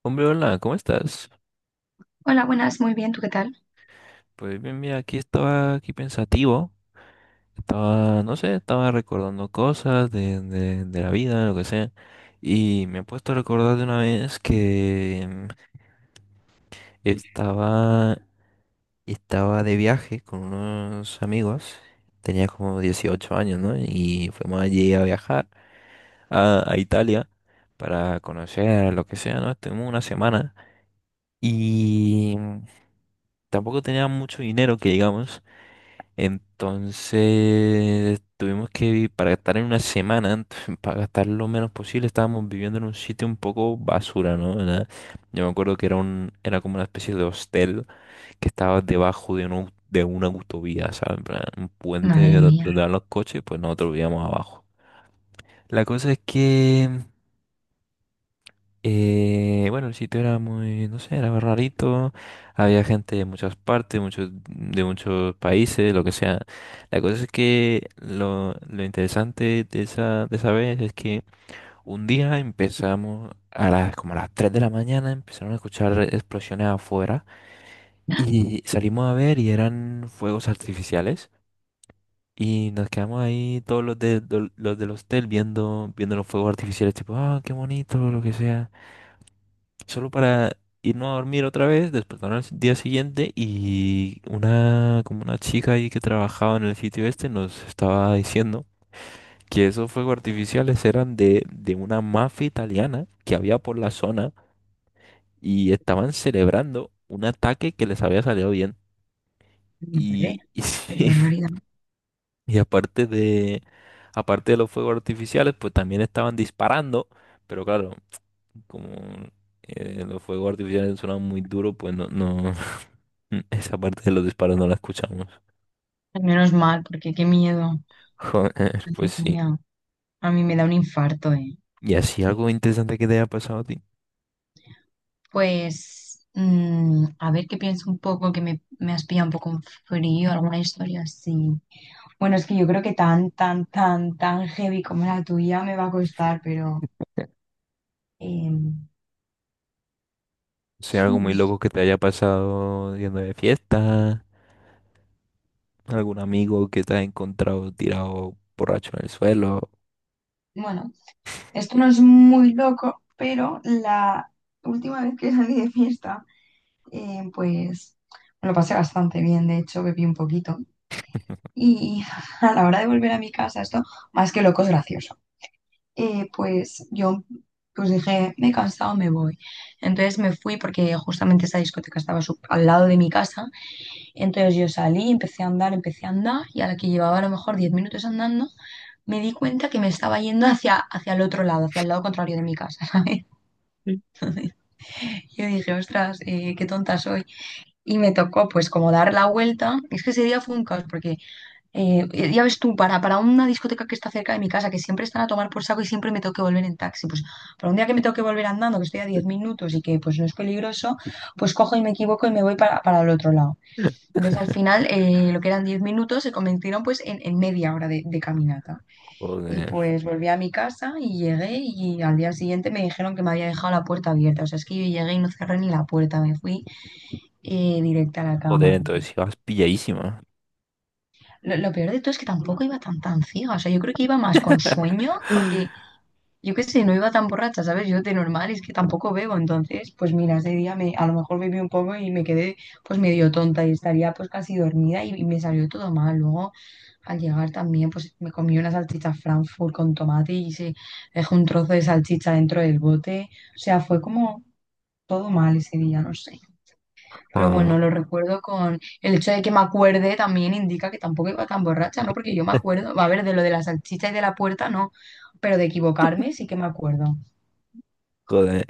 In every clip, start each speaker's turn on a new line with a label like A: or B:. A: Hombre, hola, ¿cómo estás?
B: Hola, buenas, muy bien, ¿tú qué tal?
A: Pues bien, mira, aquí estaba aquí pensativo, estaba, no sé, estaba recordando cosas de, de la vida, lo que sea, y me he puesto a recordar de una vez que estaba, estaba de viaje con unos amigos, tenía como 18 años, ¿no? Y fuimos allí a viajar a Italia para conocer lo que sea, ¿no? Estuvimos una semana y tampoco tenía mucho dinero que digamos. Entonces tuvimos que, para estar en una semana, antes, para gastar lo menos posible, estábamos viviendo en un sitio un poco basura, ¿no? Yo me acuerdo que era un, era como una especie de hostel que estaba debajo de de una autovía, ¿sabes? En plan, un puente
B: Madre mía,
A: donde van los coches, pues nosotros vivíamos abajo. La cosa es que bueno, el sitio era muy, no sé, era rarito. Había gente de muchas partes, de muchos países, lo que sea. La cosa es que lo interesante de esa vez es que un día empezamos como a las 3 de la mañana, empezaron a escuchar explosiones afuera y salimos a ver y eran fuegos artificiales. Y nos quedamos ahí los del hostel viendo los fuegos artificiales, tipo, ah, qué bonito, lo que sea solo para irnos a dormir otra vez, despertaron al día siguiente y como una chica ahí que trabajaba en el sitio este nos estaba diciendo que esos fuegos artificiales eran de una mafia italiana que había por la zona y estaban celebrando un ataque que les había salido bien.
B: madre,
A: Y,
B: qué
A: sí,
B: barbaridad.
A: y aparte de los fuegos artificiales, pues también estaban disparando, pero claro. Como los fuegos artificiales sonaban muy duros, pues no, esa parte de los disparos no la escuchamos.
B: Menos mal, porque qué miedo.
A: Joder, pues
B: Madre
A: sí.
B: mía, a mí me da un infarto, ¿eh?
A: ¿Y así algo interesante que te haya pasado a ti?
B: Pues, a ver qué pienso un poco, que me has pillado un poco en frío, alguna historia así. Bueno, es que yo creo que tan, tan, tan, tan heavy como la tuya me va a costar, pero... em,
A: O sea, algo
B: sí, no
A: muy
B: sé.
A: loco que te haya pasado yendo de fiesta, algún amigo que te haya encontrado tirado borracho en el suelo.
B: Bueno, esto no es muy loco, pero la última vez que salí de fiesta. Pues me lo pasé bastante bien, de hecho, bebí un poquito. Y a la hora de volver a mi casa, esto más que loco es gracioso. Pues yo pues dije, me he cansado, me voy. Entonces me fui porque justamente esa discoteca estaba al lado de mi casa. Entonces yo salí, empecé a andar y a la que llevaba a lo mejor 10 minutos andando, me di cuenta que me estaba yendo hacia el otro lado, hacia el lado contrario de mi casa, ¿sabes? Yo dije, ostras, qué tonta soy. Y me tocó pues como dar la vuelta. Es que ese día fue un caos porque ya ves tú, para una discoteca que está cerca de mi casa, que siempre están a tomar por saco y siempre me tengo que volver en taxi, pues para un día que me tengo que volver andando, que estoy a 10 minutos y que pues no es peligroso, pues cojo y me equivoco y me voy para el otro lado. Entonces al final lo que eran 10 minutos se convirtieron pues en media hora de caminata. Y
A: Joder,
B: pues volví a mi casa y llegué y al día siguiente me dijeron que me había dejado la puerta abierta. O sea, es que yo llegué y no cerré ni la puerta, me fui directa a la
A: joder,
B: cama.
A: entonces ibas pilladísima.
B: Lo peor de todo es que tampoco iba tan tan ciega. O sea, yo creo que iba más con sueño, porque yo qué sé, no iba tan borracha, ¿sabes? Yo de normal es que tampoco bebo. Entonces, pues mira, ese día a lo mejor bebí un poco y me quedé pues medio tonta y estaría pues casi dormida y me salió todo mal. Luego, al llegar también, pues me comí una salchicha Frankfurt con tomate y se dejó un trozo de salchicha dentro del bote. O sea, fue como todo mal ese día, no sé. Pero
A: Ah,
B: bueno, lo recuerdo con el hecho de que me acuerde también indica que tampoco iba tan borracha, ¿no? Porque yo me acuerdo, va a ver, de lo de las salchichas y de la puerta, no, pero de equivocarme sí que me acuerdo.
A: joder.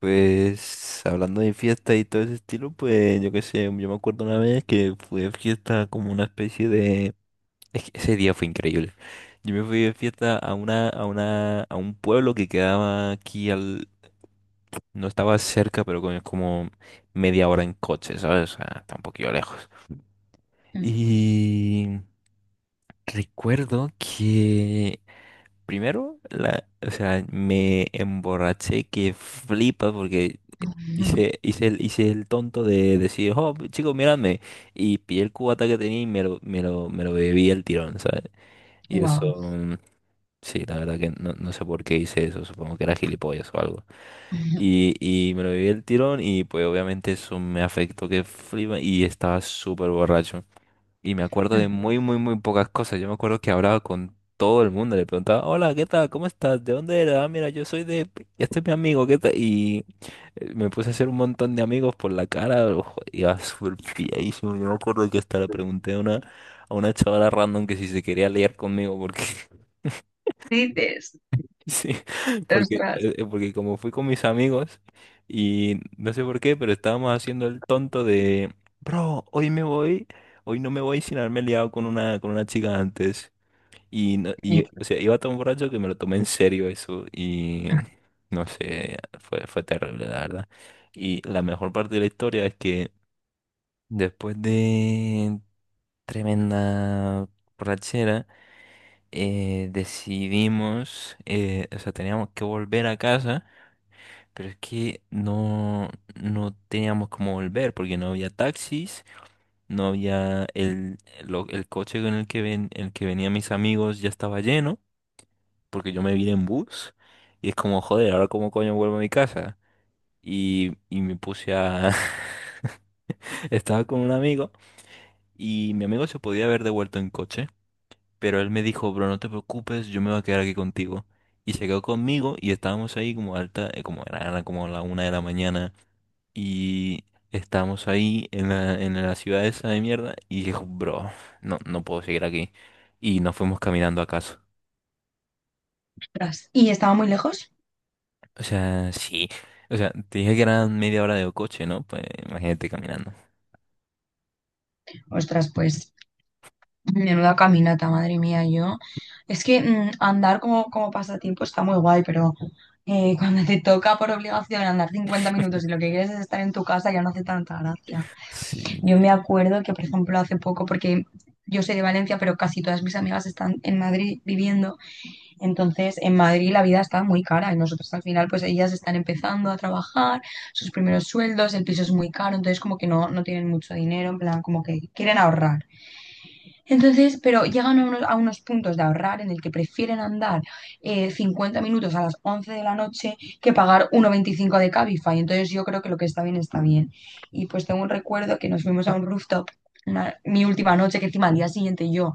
A: Pues hablando de fiesta y todo ese estilo, pues yo qué sé, yo me acuerdo una vez que fui de fiesta como una especie de... Es que ese día fue increíble. Yo me fui de fiesta a un pueblo que quedaba aquí al... No estaba cerca, pero como media hora en coche, ¿sabes? O sea, está un poquillo lejos. Y recuerdo que primero, o sea, me emborraché que flipa porque hice, hice el tonto de decir, oh, chicos, míradme. Y pillé el cubata que tenía y me lo bebí el tirón, ¿sabes? Y
B: Wow.
A: eso, sí, la verdad que no sé por qué hice eso, supongo que era gilipollas o algo. Y me lo bebí el tirón y pues obviamente eso me afectó que flipa y estaba súper borracho y me acuerdo de muy, muy, muy pocas cosas. Yo me acuerdo que hablaba con todo el mundo, le preguntaba, hola, ¿qué tal? ¿Cómo estás? ¿De dónde eres? Ah, mira, yo soy de... Este es mi amigo, ¿qué tal? Y me puse a hacer un montón de amigos por la cara, ojo, iba súper pilladísimo. Yo me acuerdo que hasta le pregunté a a una chavala random que si se quería liar conmigo, porque
B: Dices,
A: sí, porque,
B: ostras.
A: eh, eh, porque como fui con mis amigos y no sé por qué, pero estábamos haciendo el tonto de, bro, hoy me voy, hoy no me voy sin haberme liado con una chica antes. Y, no-
B: Sí,
A: y, o sea, iba tan borracho que me lo tomé en serio eso y no sé, fue terrible, la verdad. Y la mejor parte de la historia es que después de tremenda borrachera, decidimos, o sea, teníamos que volver a casa. Pero es que no teníamos cómo volver porque no había taxis, no había el coche con el que venían mis amigos ya estaba lleno porque yo me vine en bus y es como, joder, ahora cómo coño vuelvo a mi casa. Y me puse a... Estaba con un amigo y mi amigo se podía haber devuelto en coche, pero él me dijo, bro, no te preocupes, yo me voy a quedar aquí contigo. Y se quedó conmigo y estábamos ahí como era como la una de la mañana. Y estábamos ahí en la ciudad esa de mierda y dijo, bro, no puedo seguir aquí. Y nos fuimos caminando a casa.
B: ostras. ¿Y estaba muy lejos?
A: O sea, sí. O sea, te dije que eran media hora de coche, ¿no? Pues imagínate caminando.
B: Ostras, pues, menuda caminata, madre mía, yo. Es que andar como pasatiempo está muy guay, pero cuando te toca por obligación andar 50 minutos y lo que quieres es estar en tu casa, ya no hace tanta gracia.
A: Sí.
B: Yo me acuerdo que, por ejemplo, hace poco, porque yo soy de Valencia, pero casi todas mis amigas están en Madrid viviendo, entonces en Madrid la vida está muy cara y nosotros al final, pues ellas están empezando a trabajar, sus primeros sueldos, el piso es muy caro, entonces como que no, no tienen mucho dinero, en plan, como que quieren ahorrar. Entonces, pero llegan a unos puntos de ahorrar en el que prefieren andar 50 minutos a las 11 de la noche que pagar 1,25 de Cabify. Entonces, yo creo que lo que está bien está bien. Y pues tengo un recuerdo que nos fuimos a un rooftop mi última noche, que encima al día siguiente yo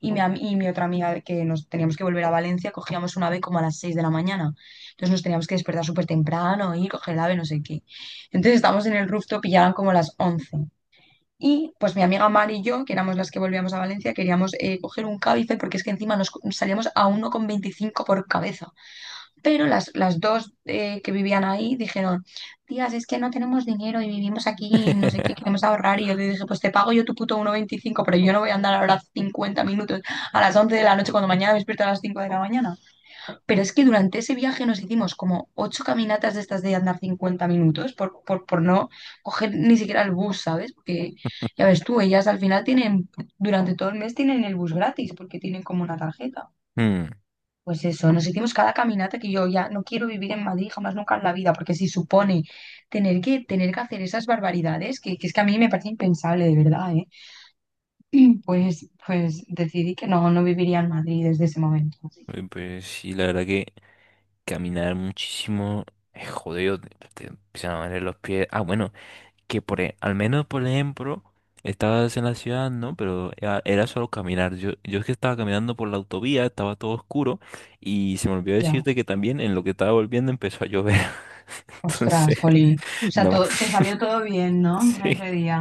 B: y mi otra amiga que nos teníamos que volver a Valencia, cogíamos un ave como a las 6 de la mañana. Entonces nos teníamos que despertar súper temprano y coger el ave, no sé qué. Entonces estábamos en el rooftop y ya eran como las 11. Y pues mi amiga Mari y yo, que éramos las que volvíamos a Valencia, queríamos coger un Cabify porque es que encima nos salíamos a 1,25 por cabeza. Pero las dos que vivían ahí dijeron, tías, es que no tenemos dinero y vivimos aquí y no sé qué, queremos ahorrar. Y yo le dije, pues te pago yo tu puto 1,25 pero yo no voy a andar ahora 50 minutos a las 11 de la noche cuando mañana me despierto a las 5 de la mañana. Pero es que durante ese viaje nos hicimos como ocho caminatas de estas de andar 50 minutos por no coger ni siquiera el bus, ¿sabes? Porque ya ves tú, ellas al final tienen, durante todo el mes tienen el bus gratis porque tienen como una tarjeta.
A: Hmm,
B: Pues eso, nos hicimos cada caminata que yo ya no quiero vivir en Madrid jamás nunca en la vida, porque si supone tener que hacer esas barbaridades, que es que a mí me parece impensable, de verdad, ¿eh? Pues decidí que no, no viviría en Madrid desde ese momento. Así que
A: Pues sí, la verdad que caminar muchísimo es jodido. Te empiezan a doler los pies. Ah, bueno. Que por, al menos por ejemplo, estabas en la ciudad, ¿no? Pero era, era solo caminar. Yo es que estaba caminando por la autovía, estaba todo oscuro y se me olvidó
B: ya.
A: decirte que también en lo que estaba volviendo empezó a llover.
B: Ostras,
A: Entonces,
B: jolín. O sea,
A: no.
B: te salió todo bien, ¿no?
A: Sí.
B: Ese día.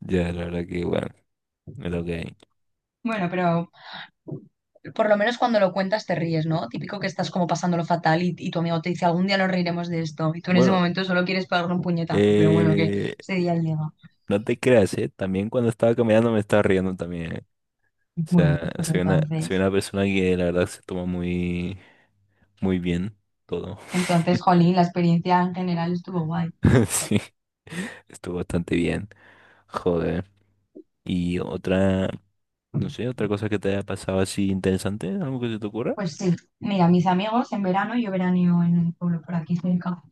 A: Ya, la verdad que bueno, es lo que hay.
B: Bueno, pero por lo menos cuando lo cuentas te ríes, ¿no? Típico que estás como pasándolo fatal y tu amigo te dice, algún día nos reiremos de esto. Y tú en ese
A: Bueno,
B: momento solo quieres pegarle un puñetazo, pero bueno, que
A: eh,
B: ese día llega.
A: no te creas, ¿eh? También cuando estaba caminando me estaba riendo también, ¿eh? O
B: Bueno,
A: sea,
B: pues
A: soy una, soy
B: entonces.
A: una persona que la verdad se toma muy, muy bien todo.
B: Entonces, jolín, la experiencia en general estuvo guay.
A: Sí, estuvo bastante bien. Joder. Y otra, no sé, otra cosa que te haya pasado así interesante, algo que se te ocurra.
B: Pues sí, mira, mis amigos en verano, yo veraneo en un pueblo por aquí cerca,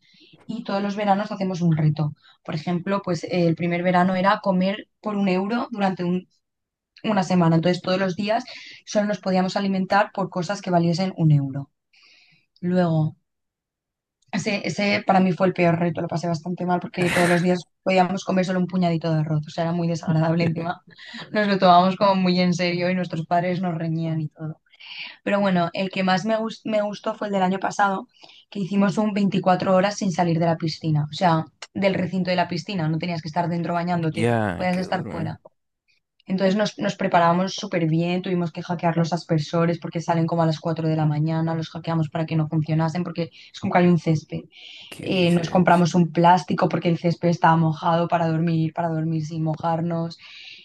B: y todos los veranos hacemos un reto. Por ejemplo, pues el primer verano era comer por un euro durante una semana. Entonces, todos los días solo nos podíamos alimentar por cosas que valiesen un euro. Luego, ese para mí fue el peor reto, lo pasé bastante mal porque todos los días podíamos comer solo un puñadito de arroz, o sea, era muy desagradable encima. Nos lo tomábamos como muy en serio y nuestros padres nos reñían y todo. Pero bueno, el que más me gustó fue el del año pasado, que hicimos un 24 horas sin salir de la piscina, o sea, del recinto de la piscina, no tenías que estar dentro bañándote,
A: Ya,
B: podías
A: qué
B: estar
A: duro, ¿eh?
B: fuera. Entonces nos preparábamos súper bien, tuvimos que hackear los aspersores porque salen como a las 4 de la mañana, los hackeamos para que no funcionasen porque es como que hay un césped.
A: ¿Qué
B: Nos
A: dices?
B: compramos un plástico porque el césped estaba mojado para dormir sin mojarnos.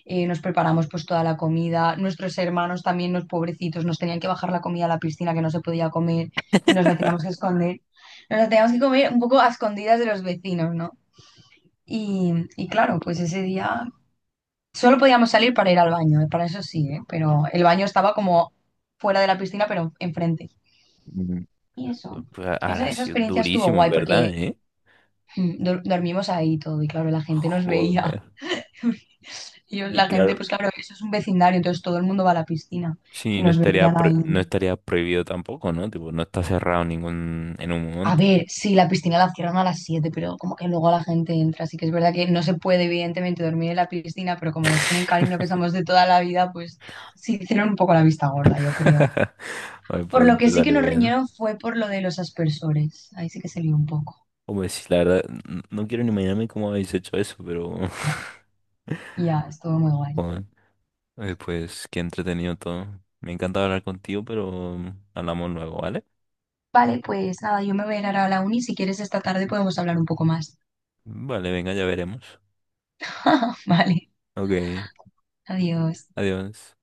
B: Nos preparamos pues toda la comida. Nuestros hermanos también, los pobrecitos, nos tenían que bajar la comida a la piscina que no se podía comer y nos la teníamos que esconder. Nos la teníamos que comer un poco a escondidas de los vecinos, ¿no? Y claro, pues ese día solo podíamos salir para ir al baño, ¿eh? Para eso sí, ¿eh? Pero el baño estaba como fuera de la piscina, pero enfrente.
A: Mm,
B: Y eso,
A: pues,
B: esa,
A: ahora ha
B: esa
A: sido
B: experiencia estuvo
A: durísimo, en
B: guay
A: verdad,
B: porque
A: ¿eh?
B: dormimos ahí y todo y claro, la gente nos veía.
A: Joder. Y
B: La gente,
A: claro,
B: pues claro, eso es un vecindario, entonces todo el mundo va a la piscina y
A: sí, no
B: nos
A: estaría,
B: veían ahí.
A: no estaría prohibido tampoco, ¿no? Tipo, no está cerrado ningún en un
B: A
A: momento.
B: ver, sí, la piscina la cierran a las 7, pero como que luego la gente entra, así que es verdad que no se puede evidentemente dormir en la piscina, pero como nos tienen cariño que somos de toda la vida, pues sí hicieron un poco la vista gorda, yo creo.
A: Ay,
B: Por lo
A: pues
B: que
A: te
B: sí que
A: salió
B: nos
A: bien.
B: riñeron fue por lo de los aspersores. Ahí sí que se lió un poco.
A: O pues, la verdad, no quiero ni imaginarme cómo habéis hecho eso, pero...
B: Ya, estuvo muy guay.
A: Joder. Pues, qué entretenido todo. Me encanta hablar contigo, pero hablamos luego, ¿vale?
B: Vale, pues nada, yo me voy a ir ahora a la uni. Si quieres, esta tarde podemos hablar un poco más.
A: Vale, venga, ya veremos.
B: Vale,
A: Ok,
B: adiós.
A: adiós.